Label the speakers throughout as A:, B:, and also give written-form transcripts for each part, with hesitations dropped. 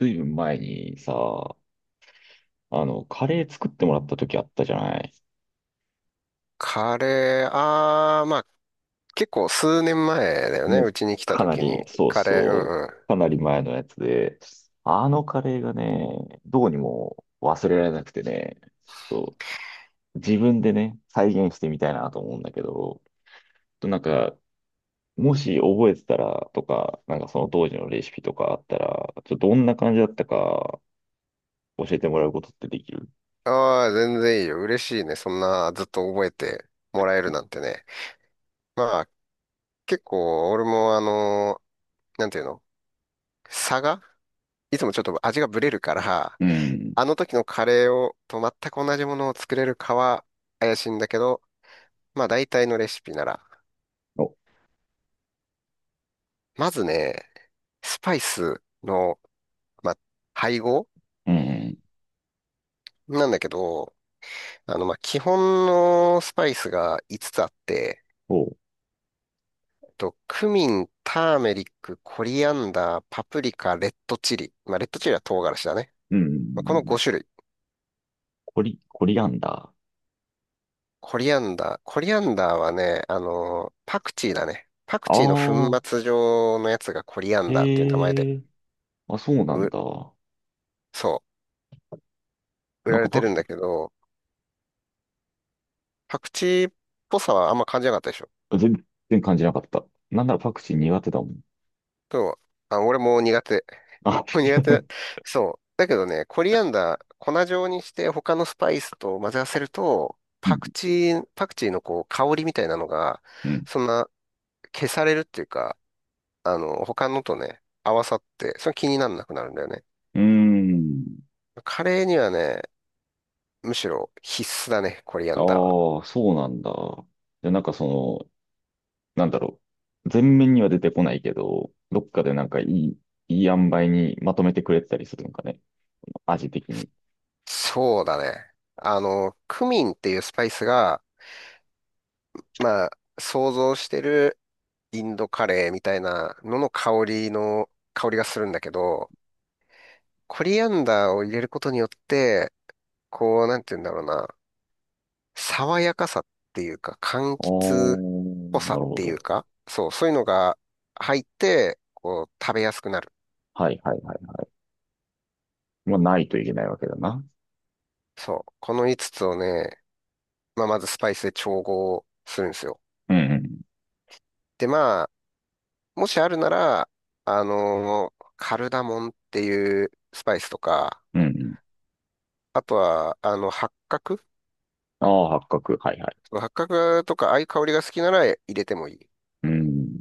A: ずいぶん前にさ、カレー作ってもらった時あったじゃない。
B: カレー、あー、まあ、結構数年前だよね。
A: もう、
B: うちに来た
A: かな
B: 時
A: り、
B: に。
A: そう
B: カレー、う
A: そ
B: んうん。
A: う、かなり前のやつで、あのカレーがね、どうにも忘れられなくてね、自分でね、再現してみたいなと思うんだけど、となんか、もし覚えてたらとか、なんかその当時のレシピとかあったら、ちょっとどんな感じだったか教えてもらうことってできる？
B: ああ全然いいよ。嬉しいね。そんな、ずっと覚えてもらえるなんてね。まあ、結構、俺もなんていうの差がいつもちょっと味がブレるから、
A: うん。
B: あの時のカレーと全く同じものを作れるかは怪しいんだけど、まあ、大体のレシピなら。
A: お、
B: まずね、スパイスの、まあ、配合
A: うん。
B: なんだけど、まあ、基本のスパイスが5つつあって、
A: おう。
B: クミン、ターメリック、コリアンダー、パプリカ、レッドチリ。まあ、レッドチリは唐辛子だね。
A: う
B: まあ、この
A: ん。
B: 5種類。
A: コリアンダ
B: コリアンダー。コリアンダーはね、パクチーだね。パ
A: ー。
B: ク
A: あ
B: チーの粉
A: あ、
B: 末状のやつがコリアンダーっていう名前で、
A: へえ、あ、そうなん
B: う、
A: だ。
B: そう、売
A: なん
B: ら
A: か
B: れて
A: パ
B: るんだけど、パクチーっぽさはあんま感じなかったでしょ。
A: ク、全然感じなかった。なんならパクチー苦手だもん。
B: でも、あ、俺も苦手。
A: あ、
B: 苦手。そう。だけどね、コリアンダー、粉状にして他のスパイスと混ぜ合わせると、
A: う
B: パク
A: ん。
B: チー、パクチーのこう香りみたいなのが、
A: うん。
B: そんな消されるっていうか、他のとね、合わさって、それ気にならなくなるんだよね。
A: うーん。
B: カレーにはね、むしろ必須だね、コリア
A: あ
B: ンダーは。
A: あ、そうなんだ。じゃあなんかの、なんだろう。全面には出てこないけど、どっかでなんかいい塩梅にまとめてくれてたりするのかね。味的に。
B: そうだね。クミンっていうスパイスが、まあ、想像してるインドカレーみたいなのの香りがするんだけど、コリアンダーを入れることによって、こう、なんて言うんだろうな、爽やかさっていうか、柑
A: あ
B: 橘
A: あ、
B: っぽさ
A: な
B: っ
A: るほ
B: てい
A: ど。
B: うか、そう、そういうのが入って、こう、食べやすくなる。
A: はいはいはいはい。まあ、ないといけないわけだな。
B: そう、この5つつをね、まあ、まずスパイスで調合するんですよ。
A: うん
B: で、まあ、もしあるなら、カルダモンっていうスパイスとか、
A: うん。うんうん。
B: あとは、
A: ああ、八角。はいはい。
B: その八角とか、ああいう香りが好きなら入れてもいい。
A: うん。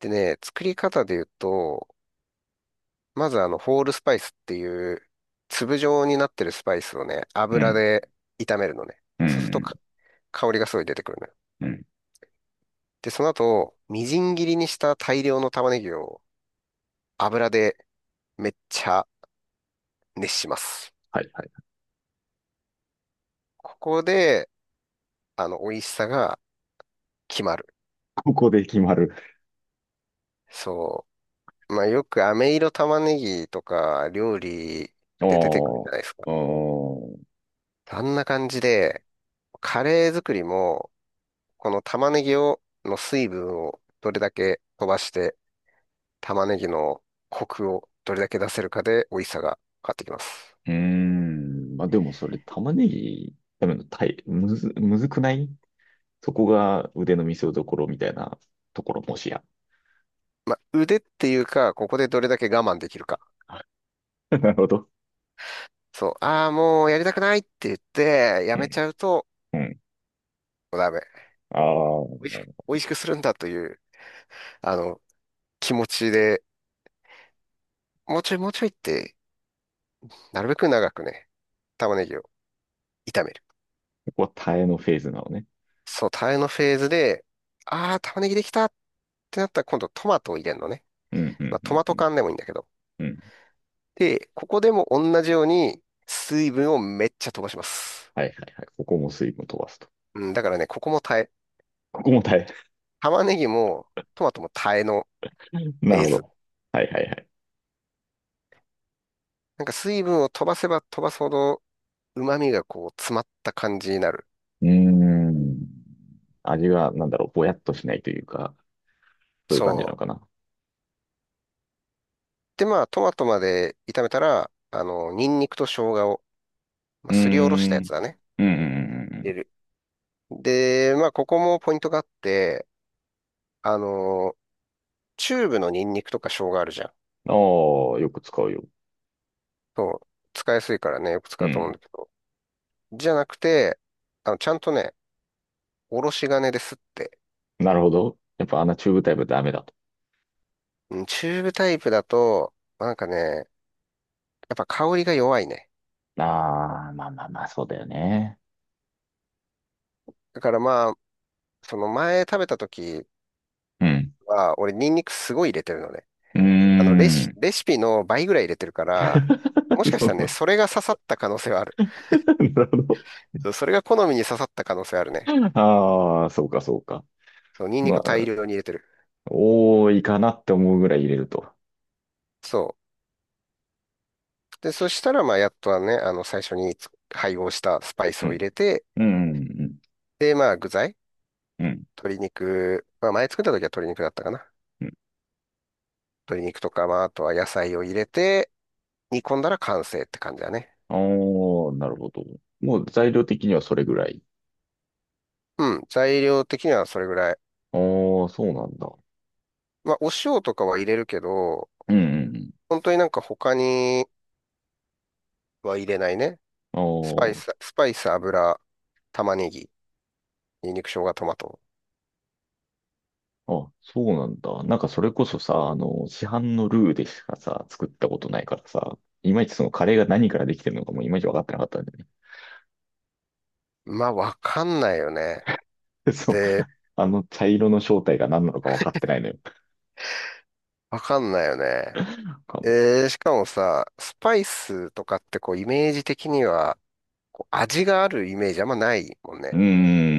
B: でね、作り方で言うと、まずホールスパイスっていう、粒状になってるスパイスをね、
A: う
B: 油
A: ん
B: で炒めるのね。
A: う
B: そうするとか
A: ん。
B: 香りがすごい出てくるのよ。
A: うん。
B: で、その後、みじん切りにした大量の玉ねぎを油でめっちゃ熱します。
A: はいはい。
B: ここで、美味しさが決まる。
A: ここで決まる。
B: そう。まあ、よく飴色玉ねぎとか料理
A: あ
B: で出てくるじゃないですか。
A: あ、ああ、う
B: あんな感じで、カレー作りも、この玉ねぎの水分をどれだけ飛ばして玉ねぎのコクをどれだけ出せるかで美味しさが変わってきます。
A: ーん。まあでもそれ玉ねぎ食べるのたい、むず、むずくない？そこが腕の見せ所みたいなところもしや。
B: まあ、腕っていうか、ここでどれだけ我慢できるか。
A: なるほど。
B: そう、ああ、もうやりたくないって言って、や
A: う
B: めち
A: ん、
B: ゃうと、
A: うん。
B: もうダメ。
A: ああ、
B: 美味しく、
A: こ
B: 美味しくするんだという、あの、気持ちで、もうちょいもうちょいって、なるべく長くね、玉ねぎを炒める。
A: こは耐えのフェーズなのね。
B: そう、タレのフェーズで、ああ、玉ねぎできたってなったら今度トマトを入れるのね。
A: うん、う
B: まあ、
A: ん、う
B: ト
A: ん、
B: マト
A: うん。
B: 缶でもいいんだけど。
A: うん、
B: で、ここでも同じように水分をめっちゃ飛ばします。
A: はいはいはい。ここも水分飛ばすと。
B: うん、だからね、ここも耐え、
A: ここも耐え。
B: 玉ねぎもトマトも耐えの フ
A: なる
B: ェー
A: ほ
B: ズ。
A: ど。はいはいはい。
B: なんか水分を飛ばせば飛ばすほど旨味がこう詰まった感じになる。
A: うーん。味が、なんだろう、ぼやっとしないというか、そういう感じ
B: そ
A: な
B: う。
A: のかな。
B: で、まあトマトまで炒めたら、ニンニクと生姜を、ま
A: う
B: あ、
A: ー
B: すりおろしたやつ
A: ん。
B: だね。
A: うん。うんうんう
B: 入れ
A: ん。
B: る。で、まあここもポイントがあって、あの、チューブのニンニクとか生姜あるじゃん。
A: ああ、よく使うよ。
B: そう。使いやすいからね、よく
A: う
B: 使うと思う
A: ん。
B: んだけど。じゃなくて、ちゃんとね、おろし金ですって
A: なるほど。やっぱあんなチューブタイプダメだと。
B: うんチューブタイプだと、なんかね、やっぱ香りが弱いね。
A: ああ、まあまあまあ、そうだよね。
B: だからまあ、その前食べた時
A: うん。
B: は、俺ニンニクすごい入れてるのね。
A: うー
B: レシ、
A: ん。
B: レシピの倍ぐらい入れてるから、もし
A: そ
B: かし
A: の、
B: たらね、それが刺さった可能性はある。
A: なるほど。
B: そうそれが好みに刺さった可能性あるね。
A: ああ、そうか、そうか。
B: そう、ニンニ
A: ま
B: クを大
A: あ、
B: 量に入れてる。
A: 多いかなって思うぐらい入れると。
B: そう。で、そしたらまあ、やっとはね、最初に配合したスパイス
A: う
B: を
A: ん。
B: 入れて、
A: うん。うん。
B: で、まあ、具材、
A: うん。
B: 鶏肉、まあ、前作った時は鶏肉だったかな。
A: うん。
B: 鶏肉とか、まあ、あとは野菜を入れて、煮込んだら完成って感じだね。
A: おー、なるほど。もう材料的にはそれぐらい。
B: うん、材料的にはそれぐらい。
A: ああ、そうなんだ。
B: まあ、お塩とかは入れるけど、
A: うんうんうん。
B: 本当になんか他には入れないね。
A: あ
B: スパイ
A: あ、
B: ス、スパイス、油、玉ねぎ、ニンニク、生姜、トマト。
A: あ、そうなんだ。なんかそれこそさ、市販のルーでしかさ、作ったことないからさ、いまいちそのカレーが何からできてるのかもいまいち分かってなかったんだよ
B: まあ、わかんないよね。
A: ね。そう。
B: で、
A: あの茶色の正体が何なのか分かってないのよ。
B: わかんないよね。
A: なんか、
B: しかもさ、スパイスとかってこう、イメージ的には、こう味があるイメージあんまないもん
A: う
B: ね。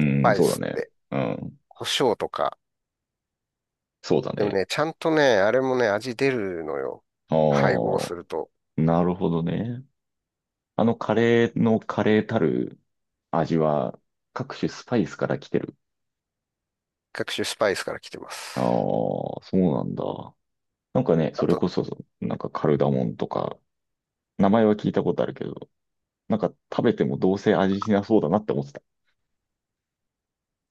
B: ス
A: ん、
B: パイ
A: そ
B: ス
A: うだ
B: っ
A: ね。
B: て、
A: うん、
B: 胡椒とか。
A: そうだ
B: でも
A: ね。
B: ね、ちゃんとね、あれもね、味出るのよ。
A: あ
B: 配合す
A: あ、
B: ると。
A: なるほどね。あのカレーのカレーたる味は各種スパイスから来てる。
B: 各種スパイスから来てま
A: ああ、
B: す。
A: そうなんだ。なんかね、
B: あ
A: それ
B: と、
A: こそ、なんかカルダモンとか、名前は聞いたことあるけど、なんか食べてもどうせ味しなそうだなって思ってた。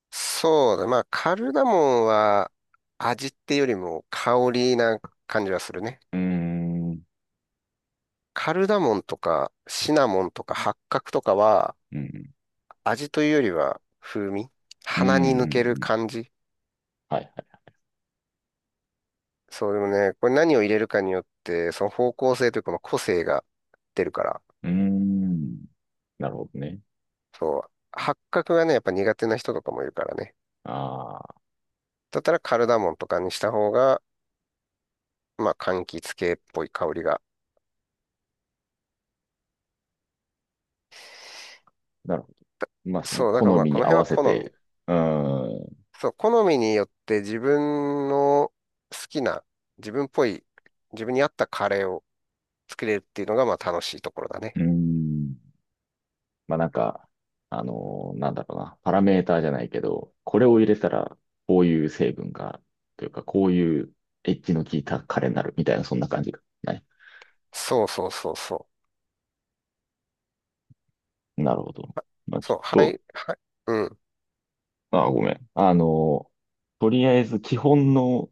B: そうだ、まあ、カルダモンは味っていうよりも香りな感じはするね。
A: うーん。
B: カルダモンとかシナモンとか八角とかは
A: うん。
B: 味というよりは風味
A: うん。う
B: 鼻に抜ける
A: ん、
B: 感じ。
A: はいはい。
B: そうでもね、これ何を入れるかによって、その方向性というかこの個性が出るから、
A: うーん。なるほどね。
B: そう、八角がね、やっぱ苦手な人とかもいるからね。
A: ああ、
B: だったらカルダモンとかにした方が、まあ、柑橘系っぽい香りが。
A: なるほど。まあその
B: そう、だ
A: 好
B: からまあ
A: み
B: こ
A: に
B: の
A: 合
B: 辺
A: わ
B: は
A: せ
B: 好み。
A: て、うーん。
B: そう、好みによって自分の好きな、自分っぽい、自分に合ったカレーを作れるっていうのがまあ楽しいところだね。
A: うーん。まあなんか、なんだろうな、パラメーターじゃないけど、これを入れたらこういう成分が、というかこういうエッジの効いたカレーになるみたいな、そんな感じがない？
B: そうそうそうそう。
A: なるほど。まあちょ
B: そ
A: っ
B: う、は
A: と、
B: い、はい、うん、
A: ああ、ごめん。とりあえず基本の、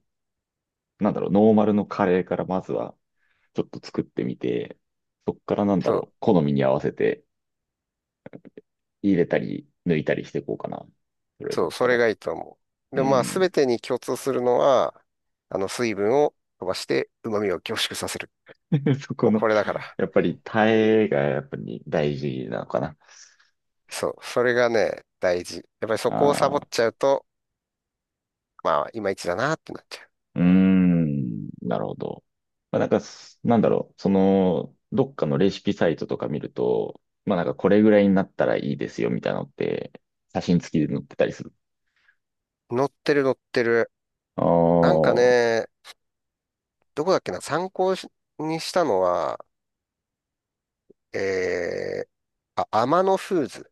A: なんだろう、ノーマルのカレーからまずはちょっと作ってみて、そっからなんだ
B: そ
A: ろ
B: う、
A: う、好みに合わせて入れたり抜いたりしていこうかな。それだ
B: そ
A: っ
B: う、そ
A: た
B: れ
A: ら。
B: がいいと思う。
A: う
B: で、まあ
A: ん。
B: 全てに共通するのは、あの水分を飛ばして旨味を凝縮させる。
A: そこ
B: もう
A: の、
B: これだから。
A: やっぱりタレがやっぱり大事なのかな。
B: そう、それがね、大事。やっぱりそこをサボ
A: あ
B: っ
A: あ。
B: ちゃうと、まあいまいちだなってなっちゃ
A: うーん、なるほど。まあ、なんかす、なんだろう、その、どっかのレシピサイトとか見ると、まあなんかこれぐらいになったらいいですよみたいなのって、写真付きで載ってたりする。
B: う。乗ってる乗ってる。なん
A: あ
B: かね、どこだっけな、参考しにしたのは、えー、あ、アマノフーズ。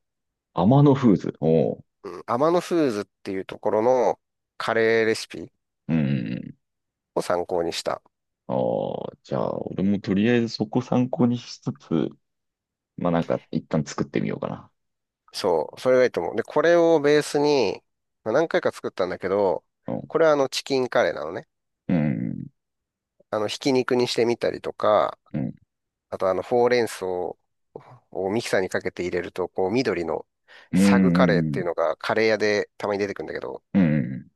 A: あ、天野フーズ。おう。
B: うん、アマノフーズっていうところのカレーレシピ
A: うん。
B: を参考にした。
A: ああ、じゃあ、俺もとりあえずそこ参考にしつつ、まあなんか一旦作ってみようかな。
B: そう、それがいいと思う。で、これをベースに、まあ何回か作ったんだけど、
A: う
B: これはあのチキンカレーなのね。
A: ん。
B: ひき肉にしてみたりとか、
A: うん。うん。
B: あとほうれん草をミキサーにかけて入れると、こう、緑の
A: う
B: サグカレーってい
A: ん。
B: うのがカレー屋でたまに出てくるんだけど、
A: うん。うん。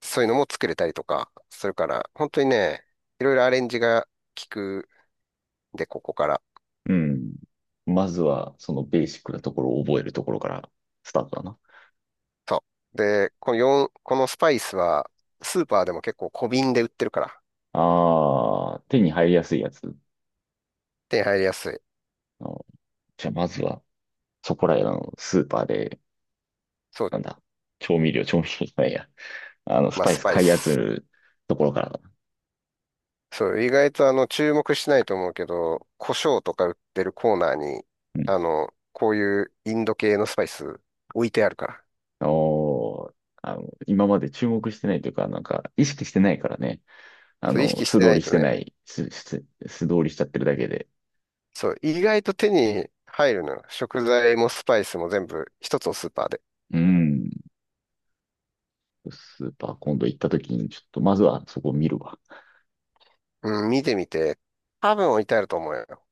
B: そういうのも作れたりとかするから、本当にね、いろいろアレンジが効くんで、ここから。
A: うん。まずは、そのベーシックなところを覚えるところからスタートだな。
B: そう。で、この4、このスパイスは、スーパーでも結構小瓶で売ってるから、
A: ああ、手に入りやすいやつ。
B: 手に入りやすい。
A: あー、じゃあ、まずは、そこらへんのスーパーで、
B: そう、
A: なんだ、調味料、調味料じゃないや。あの、ス
B: まあ、
A: パイ
B: ス
A: ス
B: パイ
A: 買い集め
B: ス。
A: るところからだな。
B: そう、意外と注目しないと思うけど、胡椒とか売ってるコーナーに、
A: うん。
B: こういうインド系のスパイス置いてあるから。
A: おー、あの、今まで注目してないというか、なんか、意識してないからね。あ
B: そう、意
A: の、
B: 識し
A: 素
B: て
A: 通
B: ない
A: りし
B: と
A: て
B: ね、
A: ない、すす素通りしちゃってるだけで。
B: そう、意外と手に入るのよ。食材もスパイスも全部一つのスーパーで。
A: うん。スーパー今度行った時に、ちょっと、まずはそこを見るわ。
B: うん、見てみて。多分置いてあると思うよ。